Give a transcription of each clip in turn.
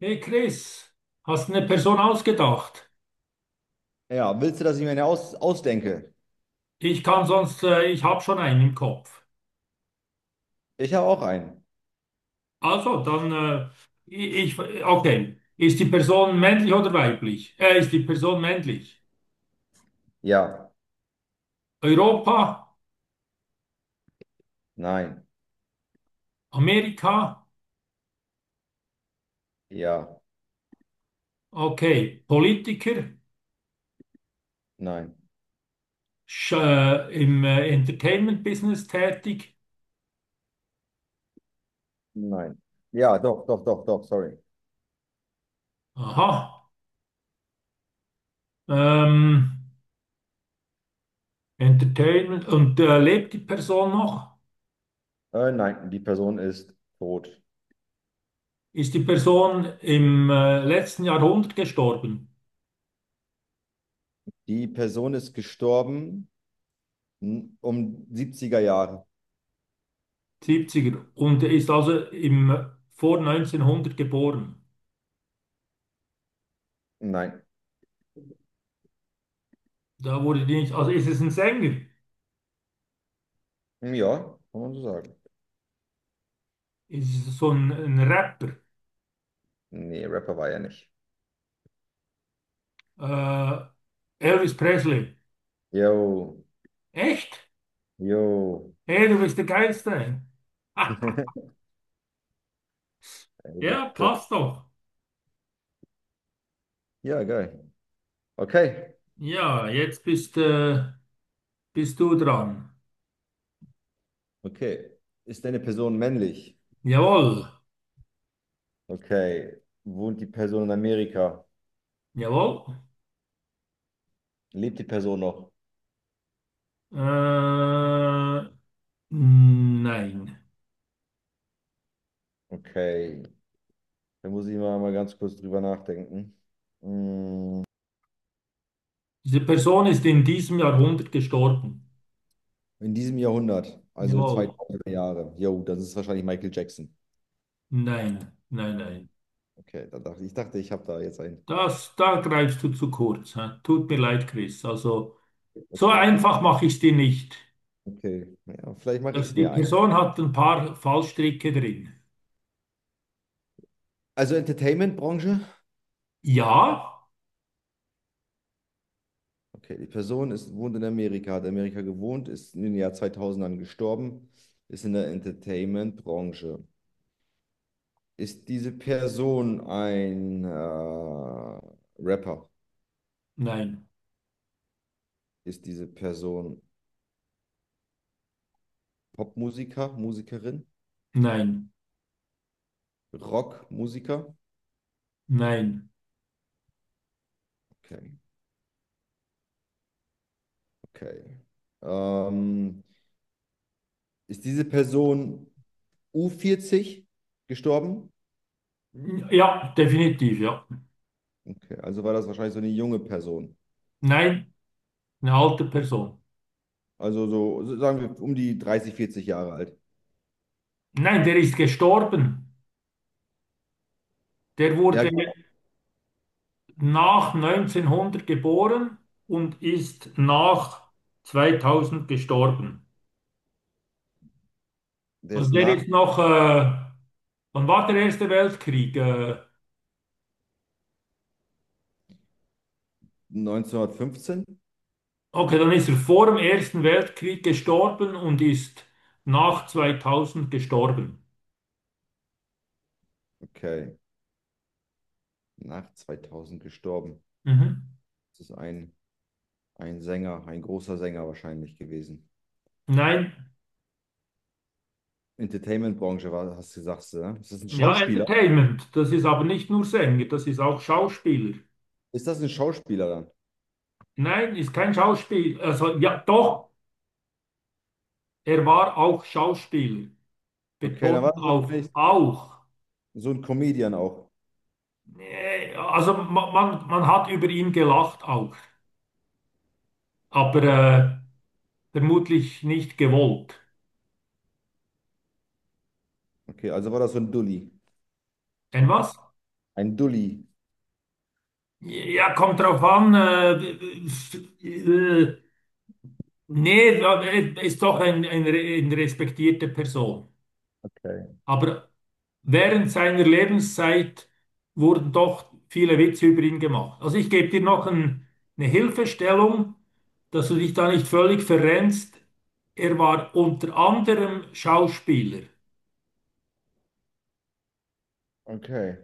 Hey Chris, hast eine Person ausgedacht? Ja, willst du, dass ich mir eine ausdenke? Ich kann sonst, ich habe schon einen im Kopf. Ich habe auch einen. Also, dann, okay. Ist die Person männlich oder weiblich? Ist die Person männlich? Ja, Europa, nein, Amerika, ja, okay. Politiker, nein, im Entertainment-Business tätig. nein. Ja, doch, doch, doch, doch, sorry. Aha. Ähm, Entertainment. Und lebt die Person noch? Nein, die Person ist tot. Ist die Person im letzten Jahrhundert gestorben? Die Person ist gestorben um 70er Jahre. 70er. Und er ist also vor 1900 geboren. Nein. Da wurde die nicht, also ist es ein Sänger? Ja, kann man so sagen. Ist es so ein Rapper? Nee, Rapper war er nicht. Äh, Elvis Presley. Yo, Echt? yo. Hey, du bist der Geilste. Elvis Ja, Presley. passt doch. Ja, geil. Okay, Ja, jetzt bist du dran. okay. Ist deine Person männlich? Jawohl. Okay. Wohnt die Person in Amerika? Jawohl. Lebt die Person noch? Äh, nein. Okay. Da muss ich mal ganz kurz drüber nachdenken. Mm, Diese Person ist in diesem Jahrhundert gestorben. in diesem Jahrhundert, also Jawohl. 2000 Jahre. Jo, das ist wahrscheinlich Michael Jackson. Nein, nein, nein. Okay, da dachte, ich habe da jetzt einen. Da greifst du zu kurz. Hä? Tut mir leid, Chris. Also, so Okay, ist einfach mache ich es dir nicht. okay. Ja, vielleicht mache ich Also, es die, mir ja, ein. Person hat ein paar Fallstricke drin. Also Entertainment-Branche. Ja, Okay, die Person ist, wohnt in Amerika, hat Amerika gewohnt, ist in den Jahr 2000ern gestorben, ist in der Entertainment-Branche. Ist diese Person ein Rapper? nein, Ist diese Person Popmusiker, Musikerin, nein, Rockmusiker? nein. Okay, okay. Ähm, Ist diese Person u vierzig gestorben? Ja, definitiv, ja. Okay, also war das wahrscheinlich so eine junge Person. Nein, eine alte Person. Also so sagen wir, um die 30, 40 Jahre alt. Nein, der ist gestorben. Der wurde Ja, genau. nach 1900 geboren und ist nach 2000 gestorben. Der Also, ist der nach ist noch, wann war der Erste Weltkrieg? Äh, 1915? Okay, dann ist er vor dem Ersten Weltkrieg gestorben und ist nach 2000 gestorben. Okay, nach 2000 gestorben. Mhm. Das ist ein Sänger, ein großer Sänger wahrscheinlich gewesen. Nein, Entertainment-Branche war, hast du gesagt, ne? Ist das ein ja, Schauspieler? Entertainment. Das ist aber nicht nur Sänger, das ist auch Schauspieler. Ist das ein Schauspieler dann? Nein, ist kein Schauspieler. Also, ja, doch, er war auch Schauspieler. Okay, dann war Betonung das auf wahrscheinlich auch. so ein Comedian auch. Nee, also, man hat über ihn gelacht auch, aber vermutlich nicht gewollt. Okay, also war das so ein Dulli. Ein was? Ein Dulli. Ja, kommt drauf an. Äh, nee, ja, ist doch eine respektierte Person. Okay. Aber während seiner Lebenszeit wurden doch viele Witze über ihn gemacht. Also ich gebe dir noch eine Hilfestellung, dass du dich da nicht völlig verrennst. Er war unter anderem Schauspieler. Okay.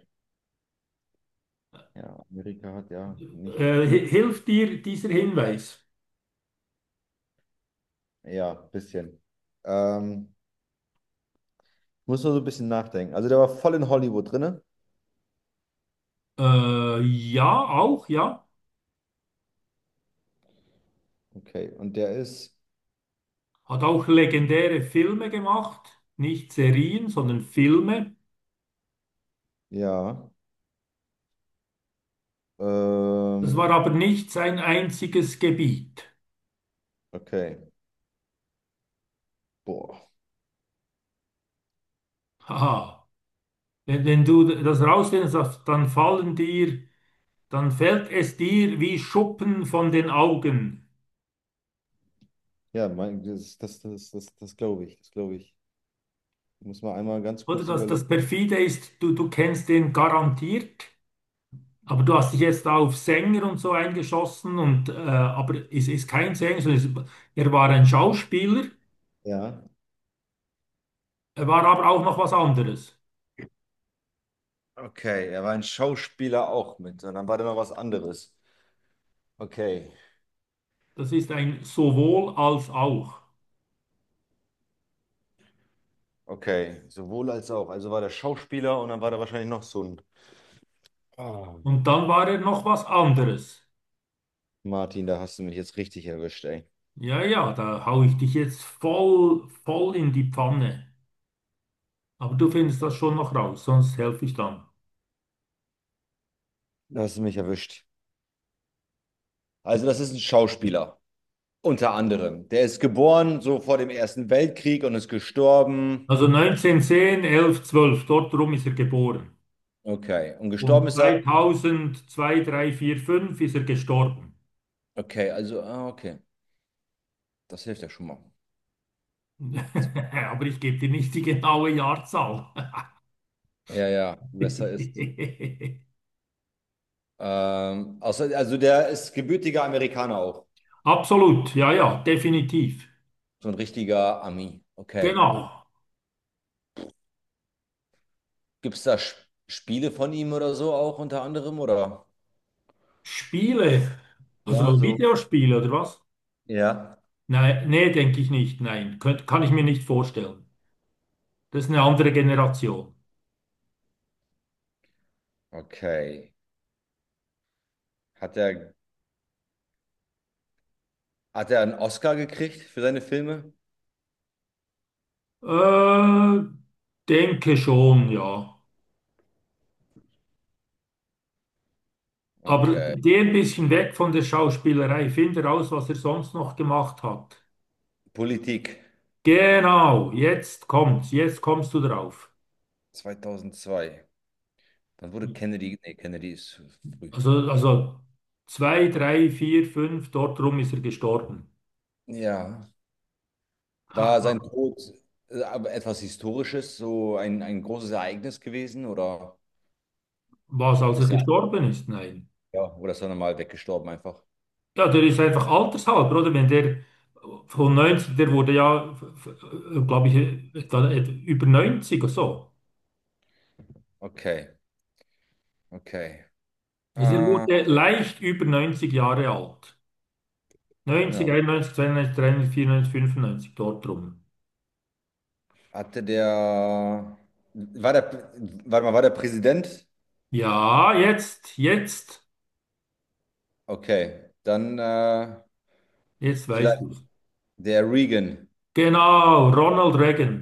Ja, Amerika hat ja nicht. Hilft dir dieser Hinweis? Ja, bisschen. Ähm, Muss nur so ein bisschen nachdenken. Also der war voll in Hollywood drinne. Ja, auch, ja. Okay, und der ist. Hat auch legendäre Filme gemacht, nicht Serien, sondern Filme. Ja. Das Ähm, war aber nicht sein einziges Gebiet. okay. Boah. Haha. Wenn du das rausfindest, dann fällt es dir wie Schuppen von den Augen. Ja, mein, das glaube ich. Das glaube ich. Muss man einmal ganz Oder kurz dass überlegen. das perfide ist, du kennst den garantiert, aber du hast dich jetzt auf Sänger und so eingeschossen und aber es ist kein Sänger, sondern er war ein Schauspieler, Ja. er war aber auch noch was anderes. Okay, er war ein Schauspieler auch mit. Und dann war da noch was anderes. Okay, Das ist ein sowohl als auch. okay. Sowohl als auch. Also war der Schauspieler und dann war da wahrscheinlich noch so ein. Ah. Und dann war er noch was anderes. Martin, da hast du mich jetzt richtig erwischt, ey. Ja, ja, da hau ich dich jetzt voll, voll in die Pfanne. Aber du findest das schon noch raus, sonst helfe ich dann. Da hast du mich erwischt. Also, das ist ein Schauspieler, unter anderem. Der ist geboren so vor dem Ersten Weltkrieg und ist gestorben. Also 1910, 11, 12, dort rum ist er geboren. Okay. Und gestorben Und ist er. 2000, 2, 3, 4, 5 ist er gestorben. Okay, also, ah, okay. Das hilft ja schon mal. Aber ich gebe dir nicht die genaue Jahrzahl. Ja, ja, besser ist. Außer, also, der ist gebürtiger Amerikaner auch. Absolut, ja, ja, definitiv. So ein richtiger Ami. Okay. Genau. Gibt es da Sch- Spiele von ihm oder so auch unter anderem? Oder? Spiele, Ja, also so. Videospiele oder was? Ja. Nein, nee, denke ich nicht. Nein, kann ich mir nicht vorstellen. Das ist eine andere Generation. Okay. Hat er, hat er, einen Oscar gekriegt für seine Filme? Äh, denke schon, ja. Aber Okay. geh ein bisschen weg von der Schauspielerei. Finde raus, was er sonst noch gemacht hat. Politik Genau, jetzt kommt's. Jetzt kommst du drauf. 2002. Dann wurde Kennedy, nee, Kennedy ist früh. Also zwei, drei, vier, fünf, dort rum ist er gestorben. Ja. War sein Haha. Tod aber etwas Historisches, so ein großes Ereignis gewesen oder Was, als er ist er, gestorben ist? Nein. ja, oder ist er normal weggestorben einfach? Ja, der ist einfach altershalber, oder? Wenn der von 90 der wurde ja, glaube ich, da über 90 oder so. Okay, okay. Also er Äh, wurde leicht über 90 Jahre alt. 90, ja, 91, 92, 93, 94, 95, dort rum. Hatte der, war der, warte mal, war der Präsident? Ja, jetzt, jetzt, Okay, dann jetzt weißt vielleicht du. der Reagan. Genau, Ronald Reagan.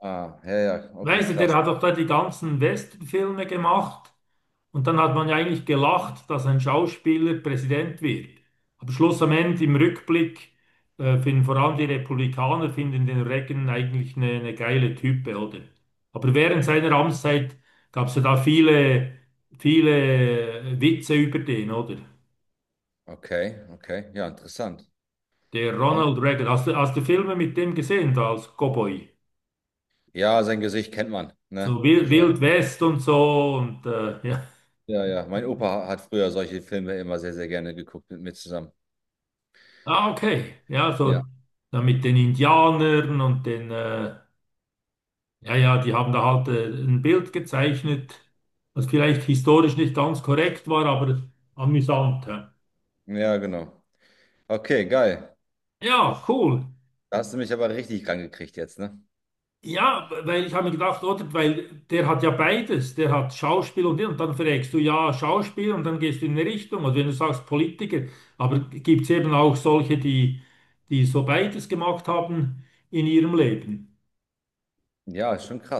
Ah, ja, ja, okay, Weißt du, der krass. hat doch da die ganzen Westernfilme gemacht. Und dann hat man ja eigentlich gelacht, dass ein Schauspieler Präsident wird. Aber Schluss am Ende im Rückblick finden vor allem die Republikaner finden den Reagan eigentlich eine geile Type, oder? Aber während seiner Amtszeit gab es ja da viele, viele Witze über den, oder? Okay, okay, ja, interessant. Der Ron? Ronald Reagan. Hast du Filme mit dem gesehen, da als Cowboy? Ja, sein Gesicht kennt man, So ne? Wild, Wild Also, West und so und ja. ja, ja, mein Opa hat früher solche Filme immer sehr, sehr gerne geguckt mit mir zusammen. Ah, okay. Ja, Ja, so dann mit den Indianern und den ja, ja, die haben da halt ein Bild gezeichnet, was vielleicht historisch nicht ganz korrekt war, aber amüsant. Ja, ja, genau. Okay, geil. ja, cool. Da hast du mich aber richtig rangekriegt jetzt, ne? Ja, weil ich habe mir gedacht, oder, weil der hat ja beides. Der hat Schauspiel und dann fragst du ja Schauspiel und dann gehst du in eine Richtung. Und wenn du sagst Politiker, aber gibt es eben auch solche, die so beides gemacht haben in ihrem Leben. Ja, ist schon krass.